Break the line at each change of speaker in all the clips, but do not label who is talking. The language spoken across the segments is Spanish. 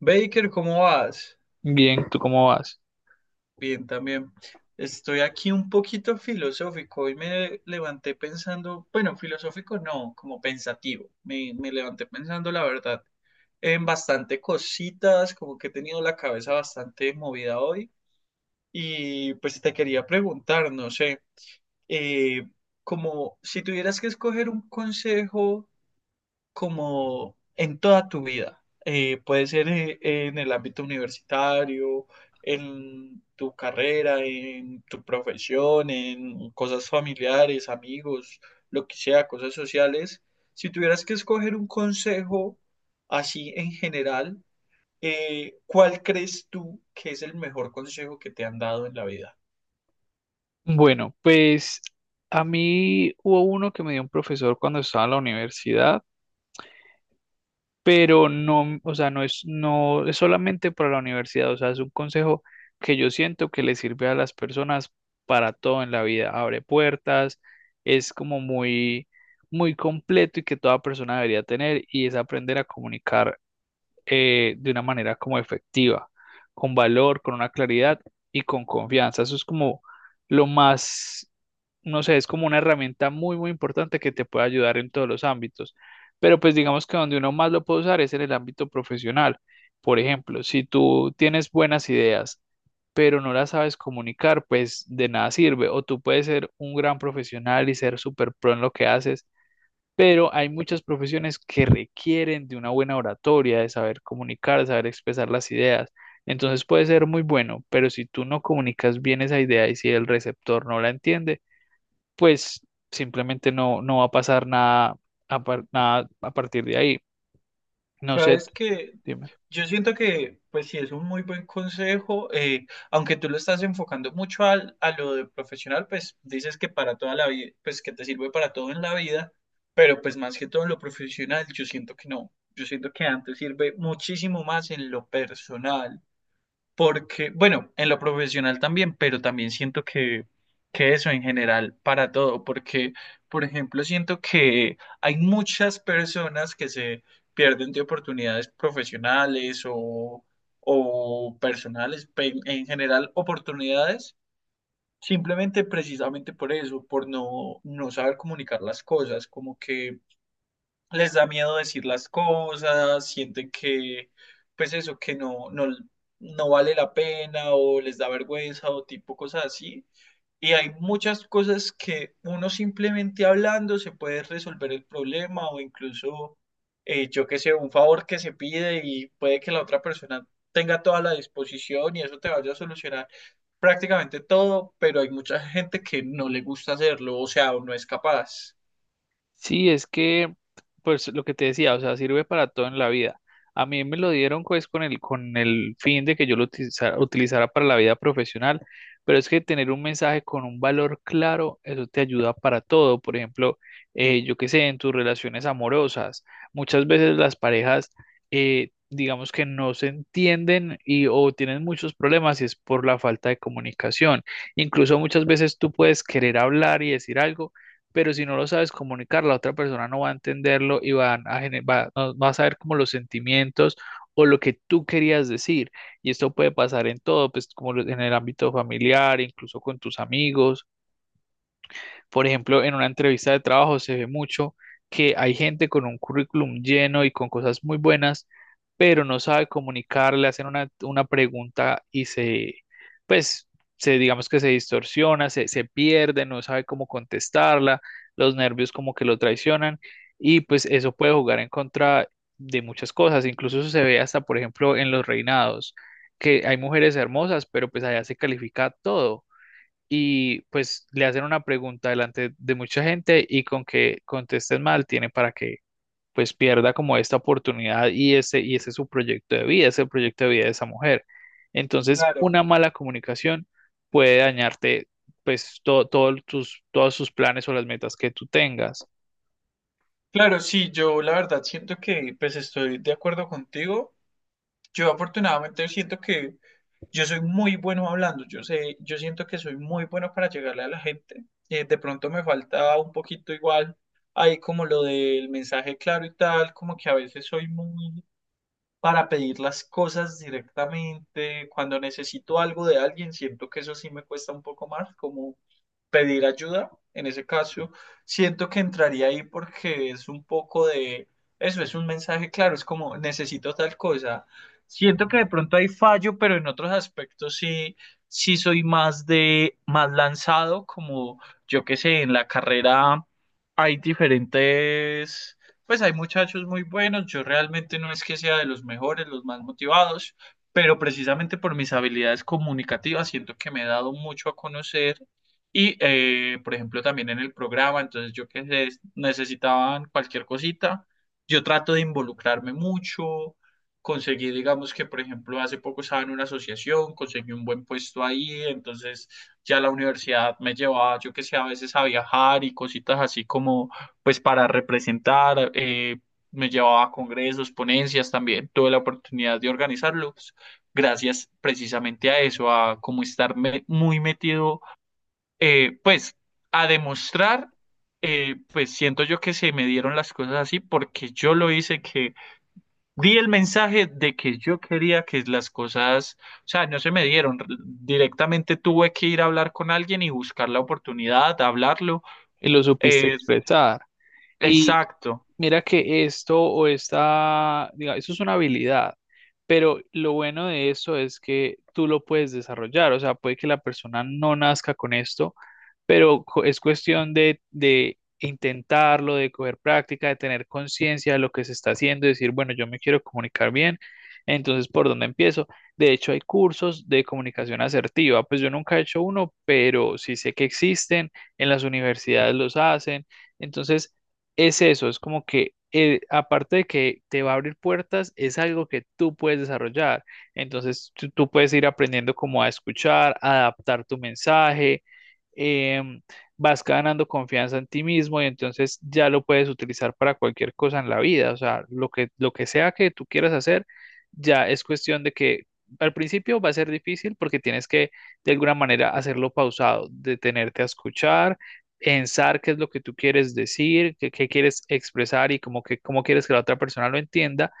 Baker, ¿cómo vas?
Bien, ¿tú cómo vas?
Bien, también. Estoy aquí un poquito filosófico. Hoy me levanté pensando, bueno, filosófico no, como pensativo. Me levanté pensando, la verdad, en bastante cositas, como que he tenido la cabeza bastante movida hoy. Y pues te quería preguntar, no sé, eh, como si tuvieras que escoger un consejo, como en toda tu vida. Puede ser en el ámbito universitario, en tu carrera, en tu profesión, en cosas familiares, amigos, lo que sea, cosas sociales. Si tuvieras que escoger un consejo así en general, ¿cuál crees tú que es el mejor consejo que te han dado en la vida?
Bueno, pues a mí hubo uno que me dio un profesor cuando estaba en la universidad. Pero no, o sea, no es solamente para la universidad, o sea, es un consejo que yo siento que le sirve a las personas para todo en la vida, abre puertas, es como muy completo y que toda persona debería tener, y es aprender a comunicar de una manera como efectiva, con valor, con una claridad y con confianza. Eso es como lo más, no sé, es como una herramienta muy importante que te puede ayudar en todos los ámbitos. Pero pues digamos que donde uno más lo puede usar es en el ámbito profesional. Por ejemplo, si tú tienes buenas ideas pero no las sabes comunicar, pues de nada sirve. O tú puedes ser un gran profesional y ser súper pro en lo que haces, pero hay muchas profesiones que requieren de una buena oratoria, de saber comunicar, de saber expresar las ideas. Entonces puede ser muy bueno, pero si tú no comunicas bien esa idea y si el receptor no la entiende, pues simplemente no va a pasar nada nada a partir de ahí. No sé,
Sabes que
dime.
yo siento que, pues sí, es un muy buen consejo, aunque tú lo estás enfocando mucho a lo de profesional, pues dices que para toda la vida, pues que te sirve para todo en la vida, pero pues más que todo en lo profesional, yo siento que no, yo siento que antes sirve muchísimo más en lo personal. Porque, bueno, en lo profesional también, pero también siento que eso en general para todo, porque, por ejemplo, siento que hay muchas personas que se pierden de oportunidades profesionales o personales, en general oportunidades, simplemente precisamente por eso, por no saber comunicar las cosas, como que les da miedo decir las cosas, sienten que, pues eso, que no vale la pena o les da vergüenza o tipo cosas así. Y hay muchas cosas que uno simplemente hablando se puede resolver el problema o incluso, yo qué sé, un favor que se pide y puede que la otra persona tenga toda la disposición y eso te vaya a solucionar prácticamente todo, pero hay mucha gente que no le gusta hacerlo, o sea, o no es capaz.
Sí, es que, pues lo que te decía, o sea, sirve para todo en la vida. A mí me lo dieron pues con el fin de que yo lo utilizara para la vida profesional, pero es que tener un mensaje con un valor claro, eso te ayuda para todo. Por ejemplo, yo qué sé, en tus relaciones amorosas, muchas veces las parejas, digamos que no se entienden, y o tienen muchos problemas y es por la falta de comunicación. Incluso muchas veces tú puedes querer hablar y decir algo, pero si no lo sabes comunicar, la otra persona no va a entenderlo y van a gener- va, no- no va a saber como los sentimientos o lo que tú querías decir. Y esto puede pasar en todo, pues en el ámbito familiar, incluso con tus amigos. Por ejemplo, en una entrevista de trabajo se ve mucho que hay gente con un currículum lleno y con cosas muy buenas, pero no sabe comunicar, le hacen una pregunta y se, pues, se, digamos que se distorsiona, se pierde, no sabe cómo contestarla, los nervios como que lo traicionan, y pues eso puede jugar en contra de muchas cosas. Incluso eso se ve hasta, por ejemplo, en los reinados, que hay mujeres hermosas, pero pues allá se califica todo, y pues le hacen una pregunta delante de mucha gente y con que contesten mal tiene para que pues pierda como esta oportunidad, y ese es su proyecto de vida, ese proyecto de vida de esa mujer. Entonces,
Claro.
una mala comunicación puede dañarte pues todo tus, todos sus planes o las metas que tú tengas,
Claro, sí, yo la verdad siento que pues estoy de acuerdo contigo. Yo afortunadamente siento que yo soy muy bueno hablando, yo sé, yo siento que soy muy bueno para llegarle a la gente. De pronto me falta un poquito igual ahí como lo del mensaje claro y tal, como que a veces soy muy para pedir las cosas directamente. Cuando necesito algo de alguien, siento que eso sí me cuesta un poco más, como pedir ayuda. En ese caso, siento que entraría ahí porque es un poco de eso, es un mensaje claro, es como necesito tal cosa. Siento que de pronto hay fallo, pero en otros aspectos sí, sí soy más más lanzado, como yo qué sé. En la carrera hay diferentes, pues hay muchachos muy buenos, yo realmente no es que sea de los mejores, los más motivados, pero precisamente por mis habilidades comunicativas siento que me he dado mucho a conocer y, por ejemplo, también en el programa. Entonces, yo que sé, necesitaban cualquier cosita, yo trato de involucrarme mucho, conseguí, digamos que, por ejemplo, hace poco estaba en una asociación, conseguí un buen puesto ahí, entonces ya la universidad me llevaba, yo que sé, a veces a viajar y cositas así, como pues para representar, me llevaba a congresos, ponencias también, tuve la oportunidad de organizarlos gracias precisamente a eso, a como estar muy metido, eh, pues a demostrar, pues siento yo que se me dieron las cosas así porque yo lo hice, que di el mensaje de que yo quería que las cosas, o sea, no se me dieron, directamente tuve que ir a hablar con alguien y buscar la oportunidad, hablarlo.
y lo supiste
eh,
expresar.
exacto.
Mira que esto o esta, diga, eso es una habilidad, pero lo bueno de esto es que tú lo puedes desarrollar. O sea, puede que la persona no nazca con esto, pero es cuestión de intentarlo, de coger práctica, de tener conciencia de lo que se está haciendo, y decir, bueno, yo me quiero comunicar bien, entonces, ¿por dónde empiezo? De hecho, hay cursos de comunicación asertiva. Pues yo nunca he hecho uno, pero sí sé que existen, en las universidades los hacen, entonces... Es eso, es como que aparte de que te va a abrir puertas, es algo que tú puedes desarrollar. Entonces tú puedes ir aprendiendo cómo a escuchar, a adaptar tu mensaje, em, vas ganando confianza en ti mismo, y entonces ya lo puedes utilizar para cualquier cosa en la vida. O sea, lo que sea que tú quieras hacer, ya es cuestión de que al principio va a ser difícil porque tienes que de alguna manera hacerlo pausado, detenerte a escuchar, pensar qué es lo que tú quieres decir, qué quieres expresar, y como que cómo quieres que la otra persona lo entienda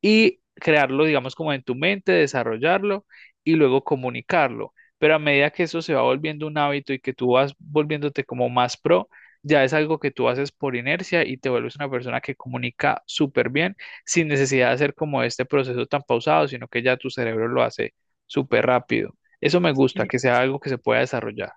y crearlo, digamos, como en tu mente, desarrollarlo y luego comunicarlo. Pero a medida que eso se va volviendo un hábito y que tú vas volviéndote como más pro, ya es algo que tú haces por inercia y te vuelves una persona que comunica súper bien sin necesidad de hacer como este proceso tan pausado, sino que ya tu cerebro lo hace súper rápido. Eso me gusta, que sea algo que se pueda desarrollar.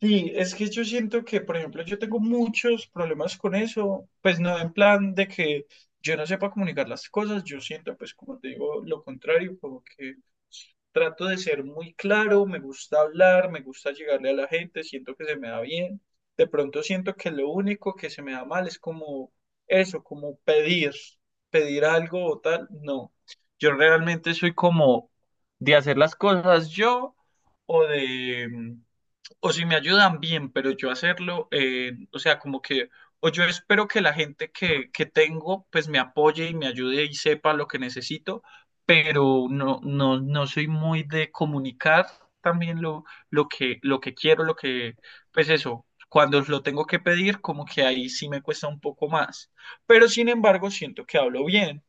Sí, es que yo siento que, por ejemplo, yo tengo muchos problemas con eso, pues no en plan de que yo no sepa comunicar las cosas, yo siento, pues como te digo, lo contrario, como que trato de ser muy claro, me gusta hablar, me gusta llegarle a la gente, siento que se me da bien, de pronto siento que lo único que se me da mal es como eso, como pedir, pedir algo o tal, no, yo realmente soy como de hacer las cosas yo, o de, o si me ayudan bien, pero yo hacerlo, o sea, como que, o yo espero que la gente que tengo, pues me apoye y me ayude y sepa lo que necesito, pero no soy muy de comunicar también lo que quiero, lo que, pues eso, cuando lo tengo que pedir, como que ahí sí me cuesta un poco más, pero sin embargo siento que hablo bien.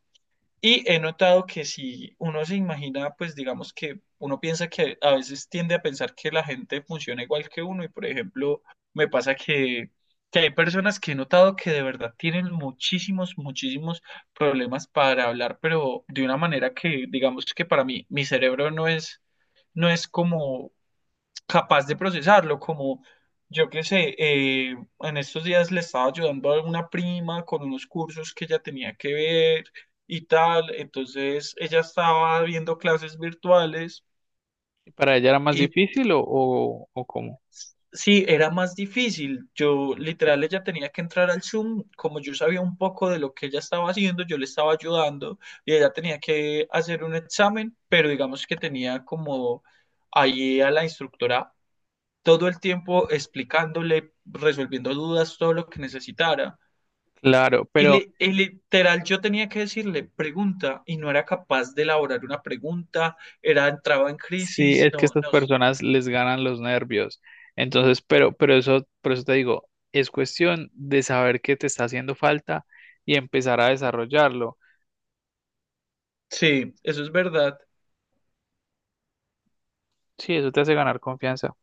Y he notado que si uno se imagina, pues digamos que uno piensa que a veces tiende a pensar que la gente funciona igual que uno, y por ejemplo me pasa que hay personas que he notado que de verdad tienen muchísimos, muchísimos problemas para hablar, pero de una manera que digamos que para mí mi cerebro no es, no es como capaz de procesarlo, como yo qué sé, en estos días le estaba ayudando a una prima con unos cursos que ella tenía que ver y tal, entonces ella estaba viendo clases virtuales
¿Y para ella era más
y
difícil, o cómo?
sí, era más difícil, yo literal, ella tenía que entrar al Zoom, como yo sabía un poco de lo que ella estaba haciendo, yo le estaba ayudando y ella tenía que hacer un examen, pero digamos que tenía como... Ahí a la instructora todo el tiempo explicándole, resolviendo dudas, todo lo que necesitara.
Claro,
Y,
pero
y literal, yo tenía que decirle pregunta y no era capaz de elaborar una pregunta, era, entraba en
sí,
crisis,
es que
no,
estas
no.
personas les ganan los nervios. Entonces, pero eso, por eso te digo, es cuestión de saber qué te está haciendo falta y empezar a desarrollarlo.
Sí, eso es verdad.
Sí, eso te hace ganar confianza.